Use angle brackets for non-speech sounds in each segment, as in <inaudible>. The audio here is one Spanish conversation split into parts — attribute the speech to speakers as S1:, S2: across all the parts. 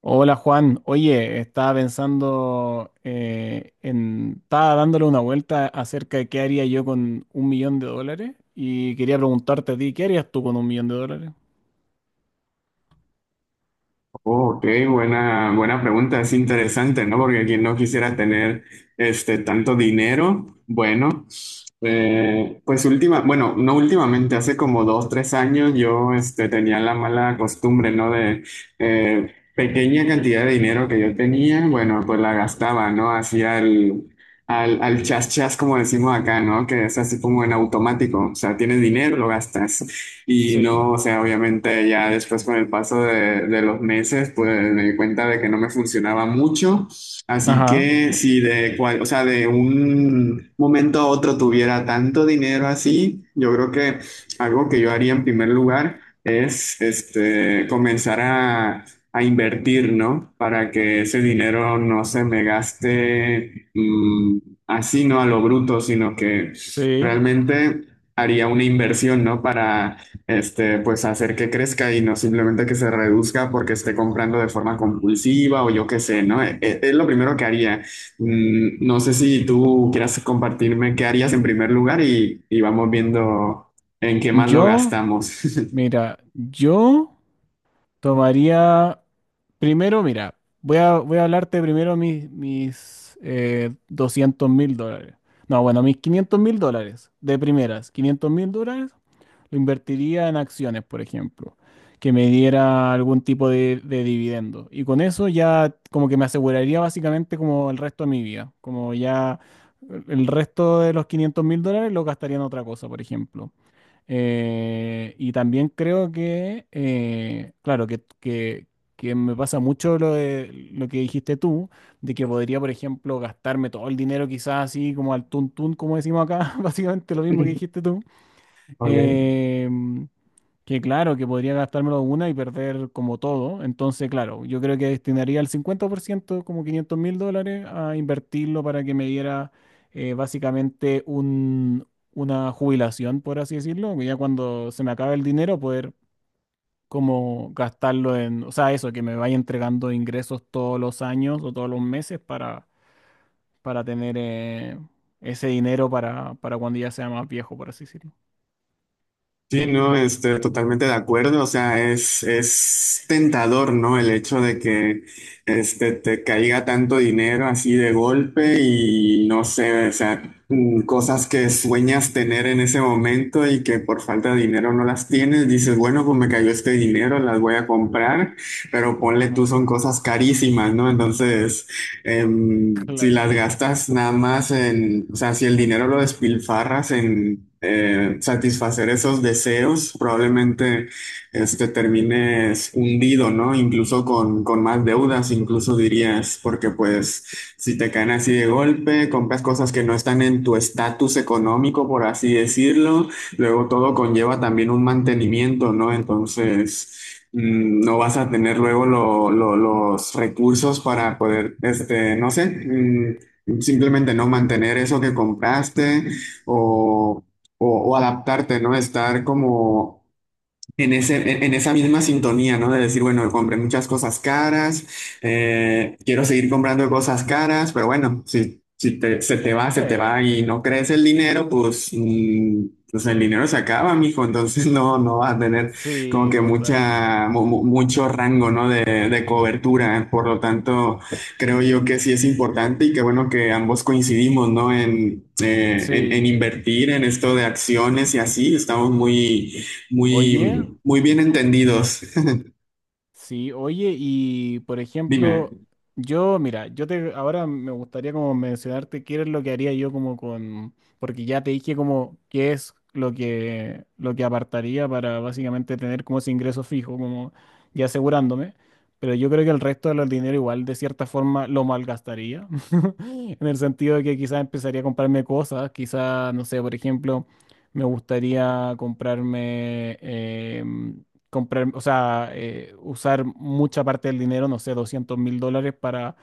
S1: Hola Juan, oye, estaba pensando estaba dándole una vuelta acerca de qué haría yo con un millón de dólares y quería preguntarte a ti, ¿qué harías tú con un millón de dólares?
S2: Ok, buena, buena pregunta, es interesante, ¿no? Porque quien no quisiera tener este tanto dinero, bueno, pues última, bueno, no últimamente, hace como 2, 3 años yo este, tenía la mala costumbre, ¿no? De pequeña cantidad de dinero que yo tenía, bueno, pues la gastaba, ¿no? Hacía al chas chas, como decimos acá, ¿no? Que es así como en automático, o sea, tienes dinero, lo gastas. Y
S1: Sí.
S2: no, o sea, obviamente ya después con el paso de los meses, pues me di cuenta de que no me funcionaba mucho. Así
S1: Ajá,
S2: que si o sea, de un momento a otro tuviera tanto dinero así, yo creo que algo que yo haría en primer lugar es este, comenzar a invertir, ¿no? Para que ese dinero no se me gaste así, no a lo bruto, sino que
S1: sí.
S2: realmente haría una inversión, ¿no? Para este, pues hacer que crezca y no simplemente que se reduzca porque esté comprando de forma compulsiva o yo qué sé, ¿no? Es, lo primero que haría. No sé si tú quieras compartirme qué harías en primer lugar y vamos viendo en qué más lo
S1: Yo,
S2: gastamos.
S1: mira, yo tomaría, primero, mira, voy a hablarte primero mis 200 mil dólares. No, bueno, mis 500 mil dólares, de primeras, 500 mil dólares. Lo invertiría en acciones, por ejemplo, que me diera algún tipo de dividendo. Y con eso ya como que me aseguraría básicamente como el resto de mi vida. Como ya el resto de los 500 mil dólares lo gastaría en otra cosa, por ejemplo. Y también creo que, claro, que me pasa mucho lo que dijiste tú, de que podría, por ejemplo, gastarme todo el dinero quizás así como al tuntún, como decimos acá, <laughs> básicamente lo mismo que
S2: <laughs>
S1: dijiste tú.
S2: Ok.
S1: Em, que claro, que podría gastármelo una y perder como todo. Entonces, claro, yo creo que destinaría el cincuenta por ciento, como 500 mil dólares, a invertirlo para que me diera eh, básicamente un, una jubilación, por así decirlo. Que Ya cuando se me acabe el dinero, poder como gastarlo en, o sea, eso, que me vaya entregando ingresos todos los años o todos los meses para tener ese dinero para cuando ya sea más viejo, por así decirlo.
S2: Sí, no, este, totalmente de acuerdo. O sea, es tentador, ¿no? El hecho de que este, te caiga tanto dinero así de golpe y no sé, o sea, cosas que sueñas tener en ese momento y que por falta de dinero no las tienes. Dices, bueno, pues me cayó este dinero, las voy a comprar, pero ponle
S1: Ajá,
S2: tú, son cosas carísimas, ¿no? Entonces si
S1: claro.
S2: las gastas nada más o sea, si el dinero lo despilfarras en satisfacer esos deseos, probablemente este, termines hundido, ¿no? Incluso con más deudas, incluso dirías, porque pues si te caen así de golpe, compras cosas que no están en tu estatus económico, por así decirlo. Luego todo conlleva también un mantenimiento, ¿no? Entonces, no vas a tener luego los recursos para poder, este, no sé, simplemente no mantener eso que compraste o, o adaptarte, ¿no? Estar como en ese, en esa misma sintonía, ¿no? De decir, bueno, compré muchas cosas caras, quiero seguir comprando cosas caras, pero bueno, si, si te-
S1: Sí,
S2: se te va y no crece el dinero, pues, pues el dinero se acaba, mijo, entonces <laughs> no, no vas a tener como
S1: sí,
S2: que mucha, mu-
S1: totalmente.
S2: mu- mucho rango, ¿no? De cobertura, por lo tanto, creo yo que sí es importante y que bueno que ambos coincidimos, ¿no? En
S1: Sí.
S2: invertir en esto de acciones y así, estamos muy
S1: Oye.
S2: muy, muy bien entendidos. <laughs>
S1: Sí, oye, y por
S2: Dime.
S1: ejemplo, yo, mira, yo te ahora me gustaría como mencionarte qué es lo que haría yo como con, porque ya te dije como qué es lo que apartaría para básicamente tener como ese ingreso fijo, como ya asegurándome, pero yo creo que el resto del dinero igual de cierta forma lo malgastaría, <laughs> en el sentido de que quizás empezaría a comprarme cosas, quizás, no sé, por ejemplo, me gustaría comprar, o sea, usar mucha parte del dinero, no sé, 200 mil dólares para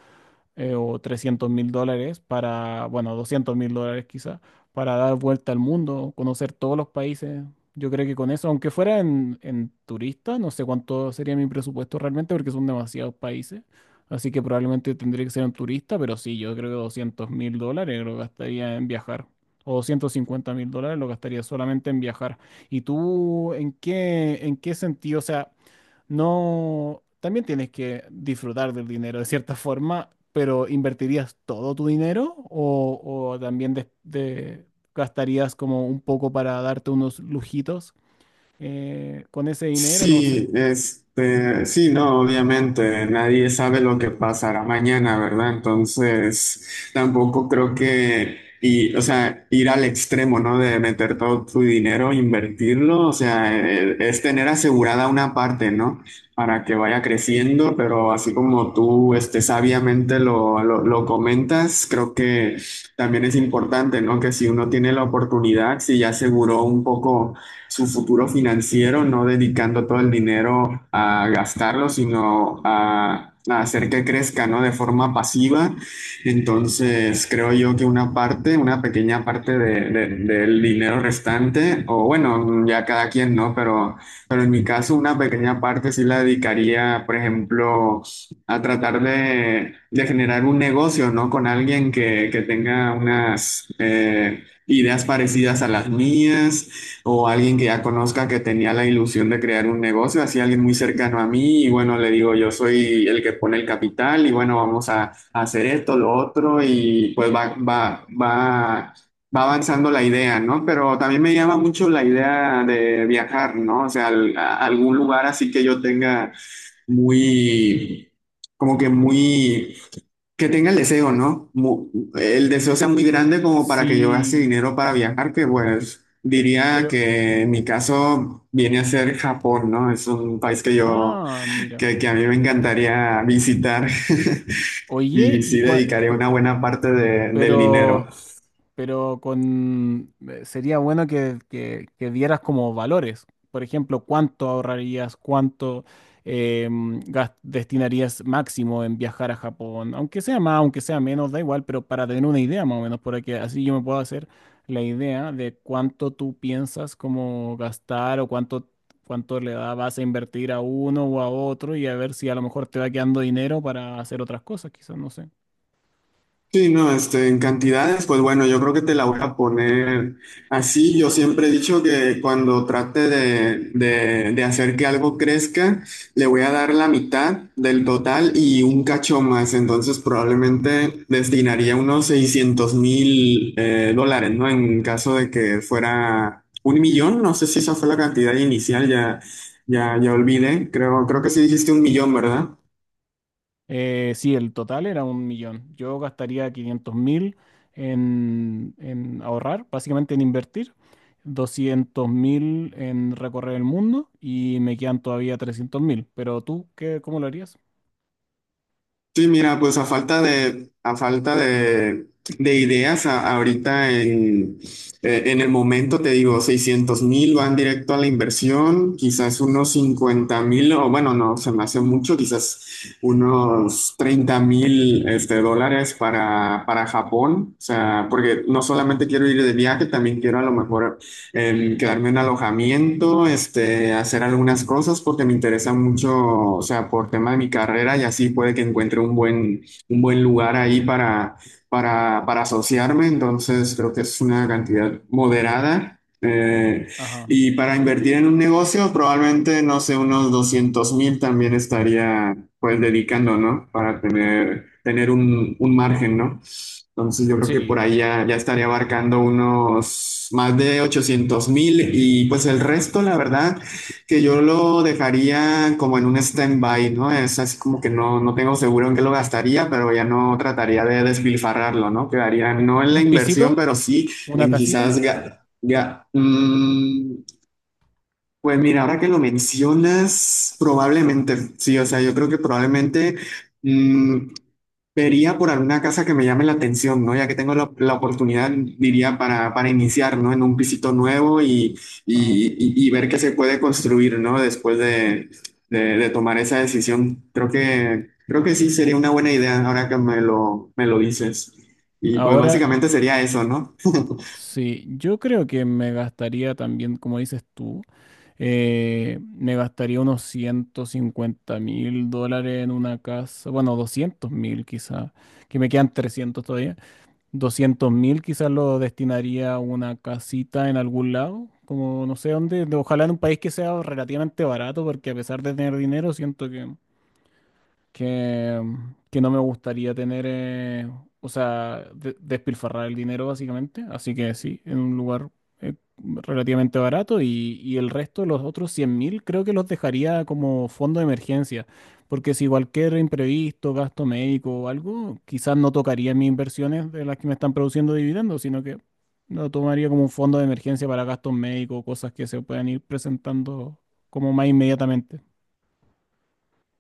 S1: o 300 mil dólares para, bueno, 200 mil dólares quizá, para dar vuelta al mundo, conocer todos los países. Yo creo que con eso, aunque fuera en turista, no sé cuánto sería mi presupuesto realmente porque son demasiados países. Así que probablemente tendría que ser un turista, pero sí, yo creo que 200 mil dólares lo gastaría en viajar. O 250 mil dólares lo gastaría solamente en viajar. ¿Y tú en qué sentido? O sea, no, también tienes que disfrutar del dinero de cierta forma, pero ¿invertirías todo tu dinero, o también gastarías como un poco para darte unos lujitos con ese dinero? No sé.
S2: Sí, este, sí, no, obviamente, nadie sabe lo que pasará mañana, ¿verdad? Entonces, tampoco creo o sea, ir al extremo, ¿no? De meter todo tu dinero, invertirlo, o sea, es tener asegurada una parte, ¿no? Para que vaya creciendo, pero así como tú, este, sabiamente lo comentas, creo que también es importante, ¿no? Que si uno tiene la oportunidad, si ya aseguró un poco su futuro financiero, no dedicando todo el dinero a gastarlo, sino a hacer que crezca, ¿no? De forma pasiva. Entonces, creo yo que una parte, una pequeña parte del dinero restante, o bueno, ya cada quien, ¿no? Pero en mi caso, una pequeña parte sí la dedicaría, por ejemplo, a tratar de generar un negocio, ¿no? Con alguien que tenga unas ideas parecidas a las mías o alguien que ya conozca que tenía la ilusión de crear un negocio, así alguien muy cercano a mí y bueno, le digo, yo soy el que pone el capital y bueno, vamos a hacer esto, lo otro y pues va avanzando la idea, ¿no? Pero también me llama mucho la idea de viajar, ¿no? O sea, a algún lugar así que yo tenga muy, como que muy. Que tenga el deseo, ¿no? El deseo sea muy grande como para que yo gaste
S1: Sí,
S2: dinero para viajar, que bueno, diría
S1: pero...
S2: que en mi caso viene a ser Japón, ¿no? Es un país que yo,
S1: Ah, mira.
S2: que, que a mí me encantaría visitar. <laughs> Y
S1: Oye,
S2: sí
S1: y cua-
S2: dedicaría
S1: cu-
S2: una buena parte del dinero.
S1: pero pero con sería bueno que dieras como valores. Por ejemplo, cuánto ahorrarías, cuánto eh, destinarías máximo en viajar a Japón, aunque sea más, aunque sea menos, da igual, pero para tener una idea más o menos, para que así yo me pueda hacer la idea de cuánto tú piensas como gastar cuánto le da, vas a invertir a uno o a otro y a ver si a lo mejor te va quedando dinero para hacer otras cosas, quizás, no sé.
S2: Sí, no, este, en cantidades, pues bueno, yo creo que te la voy a poner así. Yo siempre he dicho que cuando trate de hacer que algo crezca, le voy a dar la mitad del total y un cacho más. Entonces probablemente destinaría unos 600,000 dólares, ¿no? En caso de que fuera 1 millón, no sé si esa fue la cantidad inicial, ya, ya, ya olvidé. Creo que sí dijiste 1 millón, ¿verdad?
S1: Sí, el total era un millón. Yo gastaría 500 mil en ahorrar, básicamente en invertir, 200 mil en recorrer el mundo y me quedan todavía 300 mil. Pero tú, qué, ¿cómo lo harías?
S2: Sí, mira, pues a falta de ideas, ahorita en el momento, te digo, 600,000 van directo a la inversión, quizás unos 50,000, o bueno, no, se me hace mucho, quizás unos 30,000 este, dólares para, Japón, o sea, porque no solamente quiero ir de viaje, también quiero a lo mejor quedarme en alojamiento, este, hacer algunas cosas porque me interesa mucho, o sea, por tema de mi carrera y así puede que encuentre un buen, lugar ahí para asociarme, entonces creo que es una cantidad moderada.
S1: Ajá.
S2: Y para invertir en un negocio, probablemente, no sé, unos 200,000 también estaría pues dedicando, ¿no? Para tener un margen, ¿no? Entonces yo creo que por
S1: Sí,
S2: ahí ya, ya estaría abarcando unos más de 800,000 y pues el resto, la verdad, que yo lo dejaría como en un stand-by, ¿no? Es así como que no, no tengo seguro en qué lo gastaría, pero ya no trataría de despilfarrarlo, ¿no? Quedaría no en la
S1: un
S2: inversión,
S1: pisito,
S2: pero sí
S1: una
S2: en
S1: casita.
S2: quizás. Pues mira, ahora que lo mencionas, probablemente, sí, o sea, yo creo que probablemente. mm, Vería por alguna casa que me llame la atención, ¿no? Ya que tengo la oportunidad, diría, para iniciar, ¿no? En un pisito nuevo y,
S1: Ajá.
S2: y- y- y ver qué se puede construir, ¿no? Después de tomar esa decisión. Creo que sí sería una buena idea ahora que me lo dices. Y pues
S1: Ahora,
S2: básicamente sería eso, ¿no? <laughs>
S1: sí, yo creo que me gastaría también, como dices tú, me gastaría unos 150 mil dólares en una casa, bueno, 200 mil quizá, que me quedan 300 todavía. Doscientos mil quizás lo destinaría a una casita en algún lado, como no sé dónde, ojalá en un país que sea relativamente barato, porque a pesar de tener dinero, siento que, que no me gustaría tener, o sea, despilfarrar el dinero básicamente. Así que sí, en un lugar relativamente barato y el resto, los otros 100 mil, creo que los dejaría como fondo de emergencia. Porque si cualquier imprevisto, gasto médico o algo, quizás no tocaría mis inversiones de las que me están produciendo dividendos, sino que lo tomaría como un fondo de emergencia para gastos médicos, cosas que se puedan ir presentando como más inmediatamente.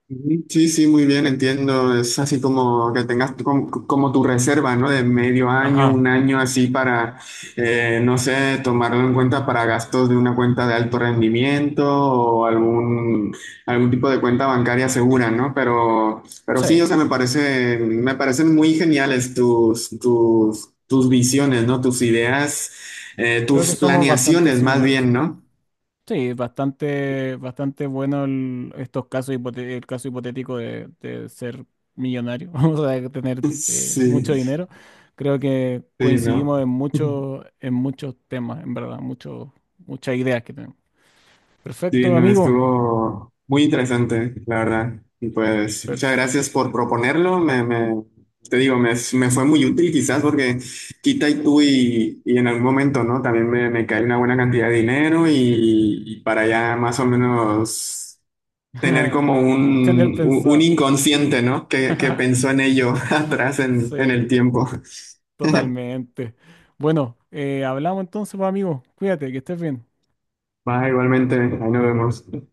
S2: Ujú. Sí, sí, muy bien, entiendo. Es así como que tengas como, tu reserva, ¿no? De medio año, un
S1: Ajá.
S2: año así para, no sé, tomarlo en cuenta para gastos de una cuenta de alto rendimiento o algún tipo de cuenta bancaria segura, ¿no? Pero sí,
S1: Sí.
S2: o sea, me parece, me parecen muy geniales tus, tus visiones, ¿no? Tus ideas,
S1: Creo que
S2: tus
S1: somos bastante
S2: planeaciones más
S1: similares,
S2: bien,
S1: sí.
S2: ¿no?
S1: Sí, bastante, bastante bueno estos casos, el caso hipotético de ser millonario, <laughs> vamos a tener
S2: <laughs>
S1: mucho
S2: Sí,
S1: dinero. Creo que
S2: sí, ¿no?
S1: coincidimos
S2: <laughs>
S1: en muchos temas, en verdad, mucho, muchas ideas que tenemos.
S2: Sí,
S1: Perfecto,
S2: no,
S1: amigo.
S2: estuvo muy interesante, la verdad. Y pues muchas
S1: Perf-
S2: gracias por proponerlo. Te digo, me fue muy útil quizás porque quita y tú y en algún momento, ¿no? También me cae una buena cantidad de dinero y para ya más o menos tener
S1: <laughs>
S2: como
S1: Tener
S2: un, un
S1: pensado.
S2: inconsciente, ¿no? Que
S1: <laughs>
S2: pensó en ello <laughs> atrás en el
S1: Sí,
S2: tiempo.
S1: totalmente. Bueno, hablamos entonces, pues, amigo. Cuídate, que estés bien.
S2: Va, igualmente, ahí nos vemos.